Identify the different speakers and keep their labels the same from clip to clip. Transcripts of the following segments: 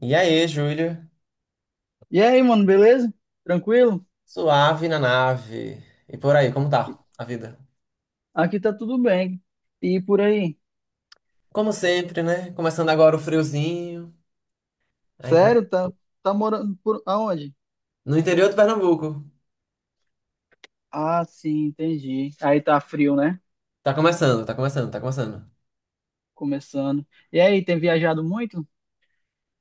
Speaker 1: E aí, Júlio?
Speaker 2: E aí, mano, beleza? Tranquilo?
Speaker 1: Suave na nave. E por aí, como tá a vida?
Speaker 2: Aqui tá tudo bem. E por aí?
Speaker 1: Como sempre, né? Começando agora o friozinho. Aí tá.
Speaker 2: Sério? Tá. Tá morando por aonde?
Speaker 1: No interior do Pernambuco.
Speaker 2: Ah, sim, entendi. Aí tá frio, né?
Speaker 1: Tá começando, tá começando, tá começando.
Speaker 2: Começando. E aí, tem viajado muito?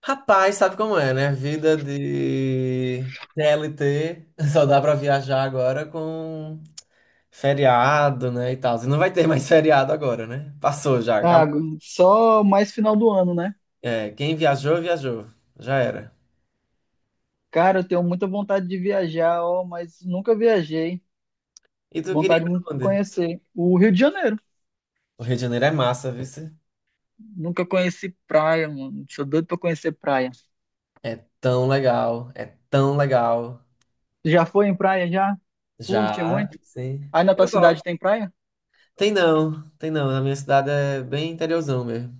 Speaker 1: Rapaz, sabe como é, né? Vida de CLT. Só dá pra viajar agora com feriado, né? E tal. E não vai ter mais feriado agora, né? Passou já, acabou.
Speaker 2: Ah, só mais final do ano, né?
Speaker 1: É, quem viajou, viajou. Já era.
Speaker 2: Cara, eu tenho muita vontade de viajar, ó, mas nunca viajei.
Speaker 1: E tu queria ir
Speaker 2: Vontade muito de
Speaker 1: pra onde?
Speaker 2: conhecer o Rio de Janeiro.
Speaker 1: O Rio de Janeiro é massa, viu?
Speaker 2: Nunca conheci praia, mano. Sou doido pra conhecer praia.
Speaker 1: É tão legal, é tão legal.
Speaker 2: Já foi em praia já? Curte
Speaker 1: Já,
Speaker 2: muito?
Speaker 1: sim.
Speaker 2: Aí na tua
Speaker 1: Eu gosto.
Speaker 2: cidade tem praia?
Speaker 1: Tem não, tem não. Na minha cidade é bem interiorzão mesmo.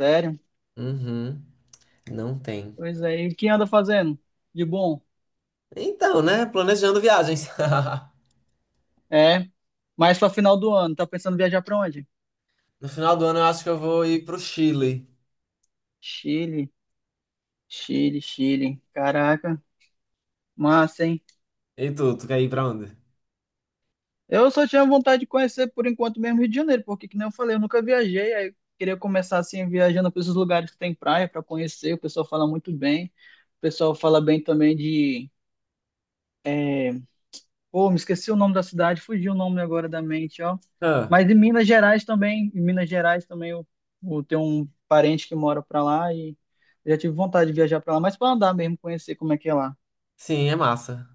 Speaker 2: Sério?
Speaker 1: Uhum, não tem.
Speaker 2: Pois é. E quem anda fazendo de bom?
Speaker 1: Então, né? Planejando viagens.
Speaker 2: É. Mas pra final do ano, tá pensando em viajar pra onde?
Speaker 1: No final do ano eu acho que eu vou ir pro Chile.
Speaker 2: Chile, Chile, Chile. Caraca, massa, hein?
Speaker 1: E tu quer ir pra onde?
Speaker 2: Eu só tinha vontade de conhecer por enquanto mesmo Rio de Janeiro, porque que nem eu falei, eu nunca viajei, aí eu queria começar assim viajando para esses lugares que tem praia pra conhecer, o pessoal fala muito bem. O pessoal fala bem também de... Pô, me esqueci o nome da cidade, fugiu o nome agora da mente, ó.
Speaker 1: Ah,
Speaker 2: Mas em Minas Gerais também, eu tenho um parente que mora pra lá e já tive vontade de viajar pra lá, mas pra andar mesmo, conhecer como é que é lá.
Speaker 1: sim, é massa.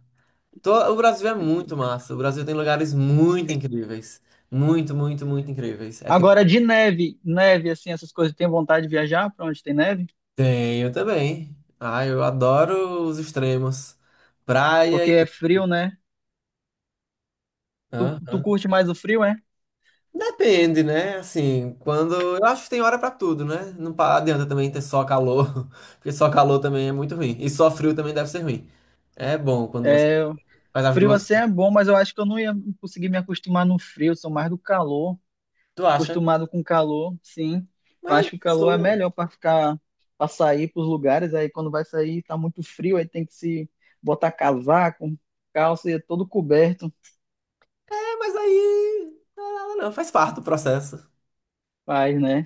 Speaker 1: O Brasil é muito massa. O Brasil tem lugares muito incríveis. Muito, muito, muito incríveis. É tipo,
Speaker 2: Agora de neve, neve assim, essas coisas, tem vontade de viajar pra onde tem neve?
Speaker 1: tenho também. Ah, eu adoro os extremos. Praia.
Speaker 2: Porque é frio, né? Tu
Speaker 1: Aham.
Speaker 2: curte mais o frio, é?
Speaker 1: Depende, né? Assim, quando. Eu acho que tem hora pra tudo, né? Não adianta também ter só calor, porque só calor também é muito ruim. E só frio também deve ser ruim. É bom quando você
Speaker 2: É,
Speaker 1: faz as
Speaker 2: frio
Speaker 1: duas.
Speaker 2: assim é bom, mas eu acho que eu não ia conseguir me acostumar no frio, sou mais do calor.
Speaker 1: Tu acha?
Speaker 2: Acostumado com calor, sim. Eu
Speaker 1: Mas,
Speaker 2: acho que o calor é melhor para ficar, para sair para os lugares. Aí quando vai sair tá muito frio, aí tem que se botar casaco, calça e é todo coberto,
Speaker 1: é, mas aí. Não, é nada não, faz parte do processo.
Speaker 2: faz, né?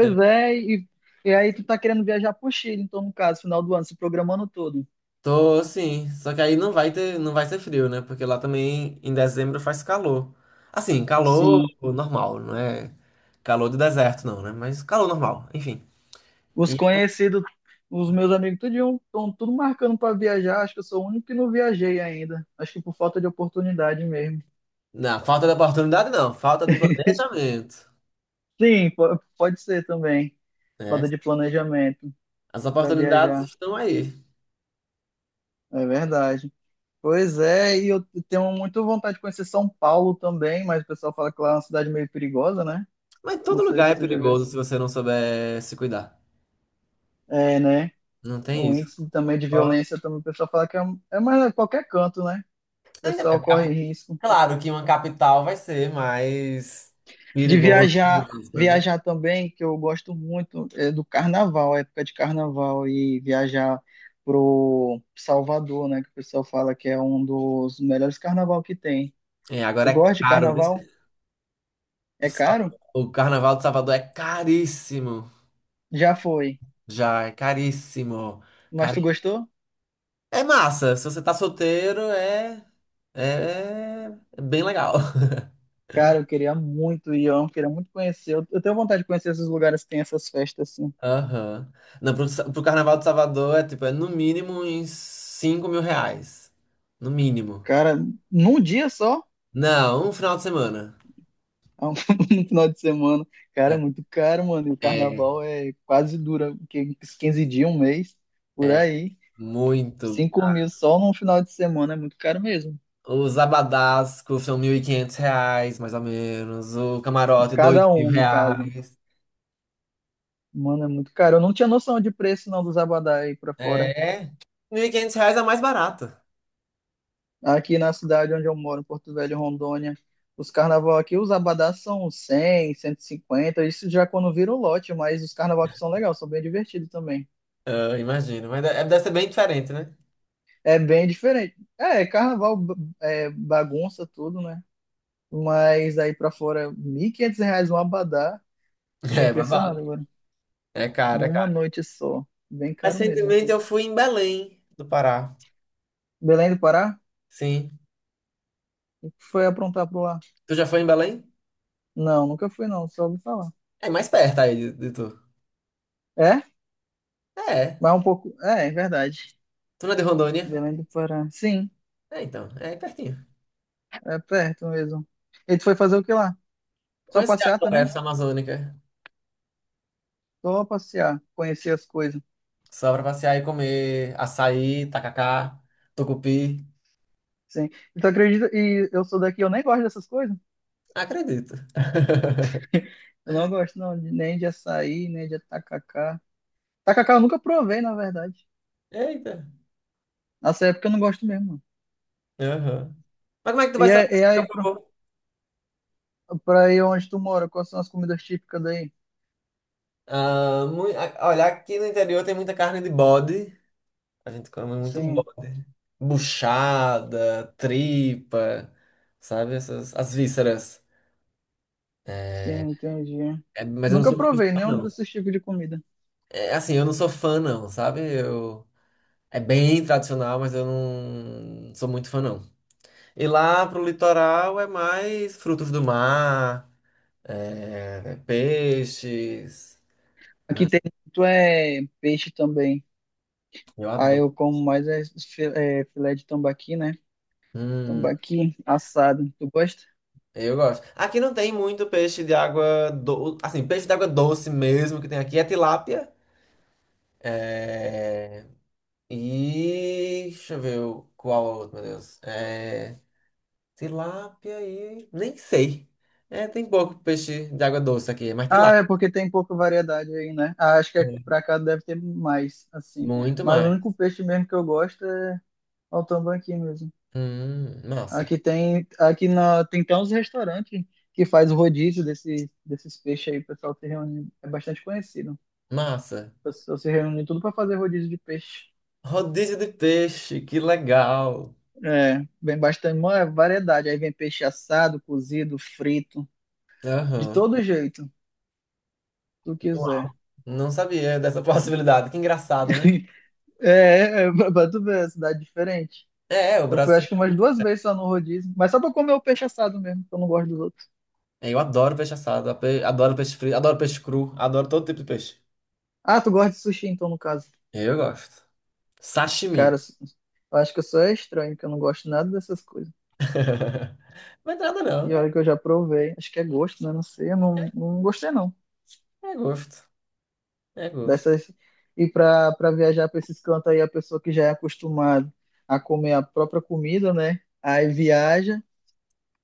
Speaker 1: Eu
Speaker 2: é, e aí tu tá querendo viajar pro Chile, então no caso, final do ano, se programando todo.
Speaker 1: tô, sim. Só que aí não vai ter, não vai ser frio, né? Porque lá também em dezembro faz calor. Assim, calor
Speaker 2: Sim.
Speaker 1: normal, não é calor do deserto, não, né? Mas calor normal, enfim.
Speaker 2: Os conhecidos, os meus amigos, tudinho, estão tudo marcando para viajar. Acho que eu sou o único que não viajei ainda. Acho que por falta de oportunidade mesmo.
Speaker 1: Não, falta de oportunidade não, falta de planejamento,
Speaker 2: Sim, pode ser também.
Speaker 1: né?
Speaker 2: Falta de planejamento
Speaker 1: As
Speaker 2: para
Speaker 1: oportunidades
Speaker 2: viajar.
Speaker 1: estão aí.
Speaker 2: É verdade. Pois é, e eu tenho muita vontade de conhecer São Paulo também, mas o pessoal fala que lá é uma cidade meio perigosa, né?
Speaker 1: Mas
Speaker 2: Não
Speaker 1: todo
Speaker 2: sei
Speaker 1: lugar é
Speaker 2: se tu já viu.
Speaker 1: perigoso se você não souber se cuidar.
Speaker 2: É, né?
Speaker 1: Não tem
Speaker 2: Um
Speaker 1: isso.
Speaker 2: índice também de
Speaker 1: Só-
Speaker 2: violência, também o pessoal fala que é, é mais a qualquer canto, né? O
Speaker 1: Ainda
Speaker 2: pessoal
Speaker 1: bem,
Speaker 2: corre risco.
Speaker 1: claro que uma capital vai ser mais
Speaker 2: De
Speaker 1: perigoso,
Speaker 2: viajar,
Speaker 1: entre aspas, né?
Speaker 2: viajar também, que eu gosto muito, é do carnaval, a época de carnaval, e viajar pro Salvador, né? Que o pessoal fala que é um dos melhores carnaval que tem.
Speaker 1: É,
Speaker 2: Tu
Speaker 1: agora é
Speaker 2: gosta de
Speaker 1: caro, viu?
Speaker 2: carnaval?
Speaker 1: O
Speaker 2: É
Speaker 1: Sa-
Speaker 2: caro?
Speaker 1: o Carnaval de Salvador é caríssimo.
Speaker 2: Já foi.
Speaker 1: Já, é caríssimo.
Speaker 2: Mas tu
Speaker 1: Cari...
Speaker 2: gostou?
Speaker 1: É massa, se você tá solteiro, é é bem legal.
Speaker 2: Cara, eu queria muito ir, eu queria muito conhecer. Eu tenho vontade de conhecer esses lugares que tem essas festas assim.
Speaker 1: Aham. Não, pro Carnaval de Salvador é tipo, é no mínimo uns R$ 5.000. No mínimo.
Speaker 2: Cara, num dia só,
Speaker 1: Não, um final de semana.
Speaker 2: no final de semana. Cara,
Speaker 1: É,
Speaker 2: é muito caro, mano. E o
Speaker 1: é
Speaker 2: carnaval é quase dura, uns 15 dias, um mês, por aí.
Speaker 1: muito.
Speaker 2: 5.000 só num final de semana é muito caro mesmo.
Speaker 1: Os abadás custam R$ 1.500, mais ou menos. O camarote, dois
Speaker 2: Cada
Speaker 1: mil
Speaker 2: um, no caso.
Speaker 1: reais.
Speaker 2: Mano, é muito caro. Eu não tinha noção de preço, não, dos abadá aí pra fora.
Speaker 1: É, R$ 1.500 é mais barato.
Speaker 2: Aqui na cidade onde eu moro, em Porto Velho, Rondônia, os carnaval aqui, os abadás são 100, 150, isso já quando vira o lote, mas os carnaval aqui são legais, são bem divertidos também.
Speaker 1: Eu imagino, mas deve ser bem diferente, né?
Speaker 2: É bem diferente. É, carnaval bagunça tudo, né? Mas aí pra fora, R$ 1.500 um abadá, fiquei
Speaker 1: É,
Speaker 2: impressionado
Speaker 1: babado.
Speaker 2: agora.
Speaker 1: É caro, é
Speaker 2: Numa
Speaker 1: caro.
Speaker 2: noite só, bem caro mesmo.
Speaker 1: Recentemente eu fui em Belém, do Pará.
Speaker 2: Belém do Pará?
Speaker 1: Sim.
Speaker 2: O que foi aprontar por lá?
Speaker 1: Tu já foi em Belém?
Speaker 2: Não, nunca fui não, só ouvi falar.
Speaker 1: É mais perto aí de tu.
Speaker 2: É?
Speaker 1: É.
Speaker 2: Mas um pouco... É, é verdade.
Speaker 1: Tu não é de Rondônia?
Speaker 2: Belém do Pará, sim.
Speaker 1: É, então. É aí pertinho.
Speaker 2: É perto mesmo. E tu foi fazer o que lá? Só
Speaker 1: Conhecer a
Speaker 2: passear também?
Speaker 1: floresta amazônica.
Speaker 2: Só passear, conhecer as coisas.
Speaker 1: Só pra passear e comer açaí, tacacá, tucupi.
Speaker 2: Sim. E tu acredita? E eu sou daqui, eu nem gosto dessas coisas.
Speaker 1: Acredito.
Speaker 2: Eu não gosto não, nem de açaí, nem de tacacá. Tacacá eu nunca provei, na verdade.
Speaker 1: Eita.
Speaker 2: Nessa época eu não gosto mesmo, não.
Speaker 1: Aham. Mas como é que tu vai
Speaker 2: E,
Speaker 1: saber
Speaker 2: é- e
Speaker 1: se
Speaker 2: é
Speaker 1: tu já
Speaker 2: aí, pro-
Speaker 1: provou?
Speaker 2: pra aí onde tu mora, quais são as comidas típicas daí?
Speaker 1: Ah, olha, aqui no interior tem muita carne de bode. A gente come muito
Speaker 2: Sim,
Speaker 1: bode. Buchada, tripa, sabe? Essas, as vísceras.
Speaker 2: sim,
Speaker 1: É,
Speaker 2: entendi.
Speaker 1: mas eu não
Speaker 2: Nunca
Speaker 1: sou muito
Speaker 2: provei
Speaker 1: fã,
Speaker 2: nenhum
Speaker 1: não.
Speaker 2: desses tipos de comida.
Speaker 1: É, assim, eu não sou fã, não, sabe? Eu... É bem tradicional, mas eu não sou muito fã, não. E lá pro litoral é mais frutos do mar, é, peixes,
Speaker 2: Aqui
Speaker 1: né?
Speaker 2: tem muito é, peixe também.
Speaker 1: Eu
Speaker 2: Aí
Speaker 1: adoro.
Speaker 2: eu como mais é, filé de tambaqui, né?
Speaker 1: Hum,
Speaker 2: Tambaqui assado. Tu gosta?
Speaker 1: eu gosto. Aqui não tem muito peixe de água assim, peixe de água doce mesmo que tem aqui é tilápia. É... E deixa eu ver qual outro, meu Deus. É... Tilápia e. Nem sei. É, tem pouco peixe de água doce aqui, mas
Speaker 2: Ah,
Speaker 1: tilápia.
Speaker 2: é porque tem pouca variedade aí, né? Ah, acho que
Speaker 1: Né?
Speaker 2: pra cá deve ter mais, assim.
Speaker 1: Muito
Speaker 2: Mas o
Speaker 1: mais.
Speaker 2: único peixe mesmo que eu gosto é o tambaqui mesmo.
Speaker 1: Massa.
Speaker 2: Aqui tem, aqui na, tem até uns restaurantes que faz o rodízio desse, desses peixes aí. O pessoal se reúne, é bastante conhecido. O
Speaker 1: Massa.
Speaker 2: pessoal se reúne tudo para fazer rodízio de peixe.
Speaker 1: Rodízio de peixe, que legal.
Speaker 2: É, vem bastante, uma variedade. Aí vem peixe assado, cozido, frito, de
Speaker 1: Aham.
Speaker 2: todo jeito, se tu quiser.
Speaker 1: Uau. Não sabia dessa possibilidade. Que engraçado, né?
Speaker 2: É, é, pra tu ver, é cidade diferente.
Speaker 1: É, o
Speaker 2: Eu fui
Speaker 1: Brasil.
Speaker 2: acho que umas duas vezes só no rodízio, mas só pra comer o peixe assado mesmo, que eu não gosto dos outros.
Speaker 1: É, eu adoro peixe assado, adoro peixe frito, adoro peixe cru, adoro todo tipo de peixe.
Speaker 2: Ah, tu gosta de sushi então, no caso.
Speaker 1: Eu gosto. Sashimi.
Speaker 2: Cara, eu acho que eu sou estranho, que eu não gosto nada dessas coisas.
Speaker 1: Não é nada,
Speaker 2: E
Speaker 1: não. É,
Speaker 2: olha que eu já provei, acho que é gosto, né? Não sei, eu não, não gostei não.
Speaker 1: é gosto. É gosto.
Speaker 2: Dessas... E pra viajar pra esses cantos aí, a pessoa que já é acostumada a comer a própria comida, né? Aí viaja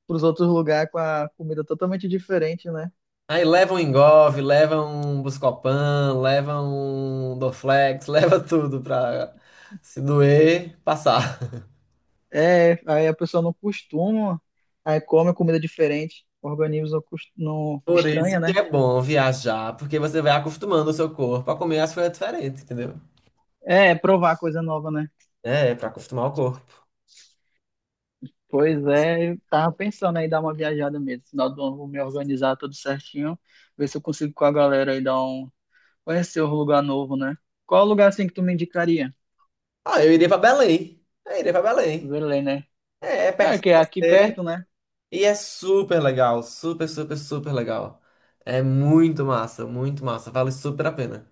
Speaker 2: pros outros lugares com a comida totalmente diferente, né?
Speaker 1: Aí leva um Engov, leva um Buscopan, leva um Dorflex, leva tudo pra se doer, passar.
Speaker 2: É, aí a pessoa não costuma, aí come comida diferente, o organismo não, não
Speaker 1: Por isso
Speaker 2: estranha,
Speaker 1: que
Speaker 2: né?
Speaker 1: é bom viajar, porque você vai acostumando o seu corpo a comer as coisas diferentes, entendeu?
Speaker 2: É, é provar coisa nova, né?
Speaker 1: É, pra acostumar o corpo.
Speaker 2: Pois é, eu tava pensando aí dar uma viajada mesmo. Final do ano eu vou me organizar tudo certinho, ver se eu consigo com a galera aí dar um conhecer um lugar novo, né? Qual lugar assim que tu me indicaria?
Speaker 1: Ah, eu iria pra Belém. Eu iria pra Belém.
Speaker 2: Belém, né?
Speaker 1: É,
Speaker 2: É,
Speaker 1: perto
Speaker 2: que
Speaker 1: de
Speaker 2: é aqui
Speaker 1: você
Speaker 2: perto, né?
Speaker 1: e é super legal, super, super, super legal. É muito massa, vale super a pena.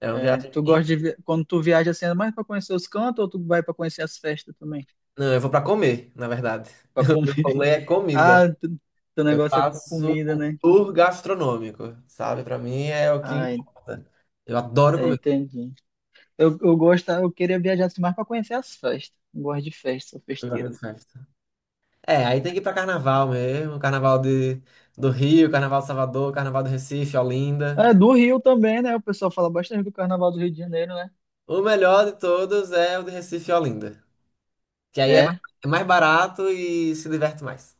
Speaker 1: É uma
Speaker 2: É,
Speaker 1: viagem.
Speaker 2: tu gosta de quando tu viaja assim, é mais pra conhecer os cantos ou tu vai pra conhecer as festas também?
Speaker 1: Não, eu vou pra comer, na verdade.
Speaker 2: Pra
Speaker 1: O meu
Speaker 2: comer?
Speaker 1: rolê é comida.
Speaker 2: Ah, teu
Speaker 1: Eu
Speaker 2: negócio é
Speaker 1: faço
Speaker 2: comida,
Speaker 1: um
Speaker 2: né?
Speaker 1: tour gastronômico, sabe? Pra mim é o que
Speaker 2: Ah, en-
Speaker 1: importa. Eu adoro comer.
Speaker 2: Entendi. Eu gosto, eu queria viajar assim, mais para conhecer as festas. Eu gosto de festa, sou
Speaker 1: Eu gosto
Speaker 2: festeiro.
Speaker 1: de festa. É, aí tem que ir pra carnaval mesmo, carnaval de, do Rio, carnaval de Salvador, carnaval do Recife, Olinda.
Speaker 2: É, do Rio também, né? O pessoal fala bastante do Carnaval do Rio de Janeiro, né?
Speaker 1: O melhor de todos é o de Recife e Olinda, que aí
Speaker 2: É,
Speaker 1: é mais barato e se diverte mais.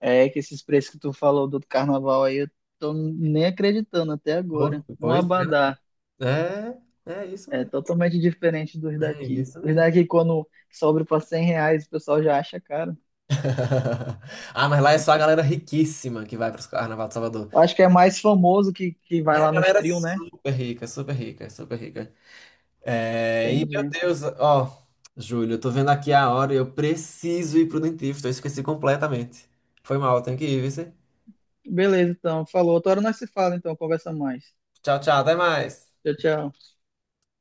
Speaker 2: é que esses preços que tu falou do Carnaval aí, eu tô nem acreditando até
Speaker 1: Pô,
Speaker 2: agora. Um
Speaker 1: pois é,
Speaker 2: abadá
Speaker 1: né? É, isso
Speaker 2: é
Speaker 1: mesmo.
Speaker 2: totalmente diferente dos
Speaker 1: É
Speaker 2: daqui.
Speaker 1: isso
Speaker 2: Os
Speaker 1: mesmo.
Speaker 2: daqui, quando sobra para 100 reais, o pessoal já acha caro.
Speaker 1: Ah, mas lá é só a galera riquíssima que vai para o Carnaval de Salvador.
Speaker 2: Eu acho que é mais famoso que vai
Speaker 1: É a
Speaker 2: lá nos
Speaker 1: galera
Speaker 2: trio, né?
Speaker 1: super rica, super rica, super rica. É, e meu
Speaker 2: Entendi.
Speaker 1: Deus, ó, Júlio, eu tô vendo aqui a hora e eu preciso ir pro dentista, eu esqueci completamente. Foi mal, tenho que ir, viu? Cê?
Speaker 2: Beleza, então. Falou. Outra hora nós se fala, então. Conversa mais.
Speaker 1: Tchau, tchau, até mais.
Speaker 2: Tchau, tchau.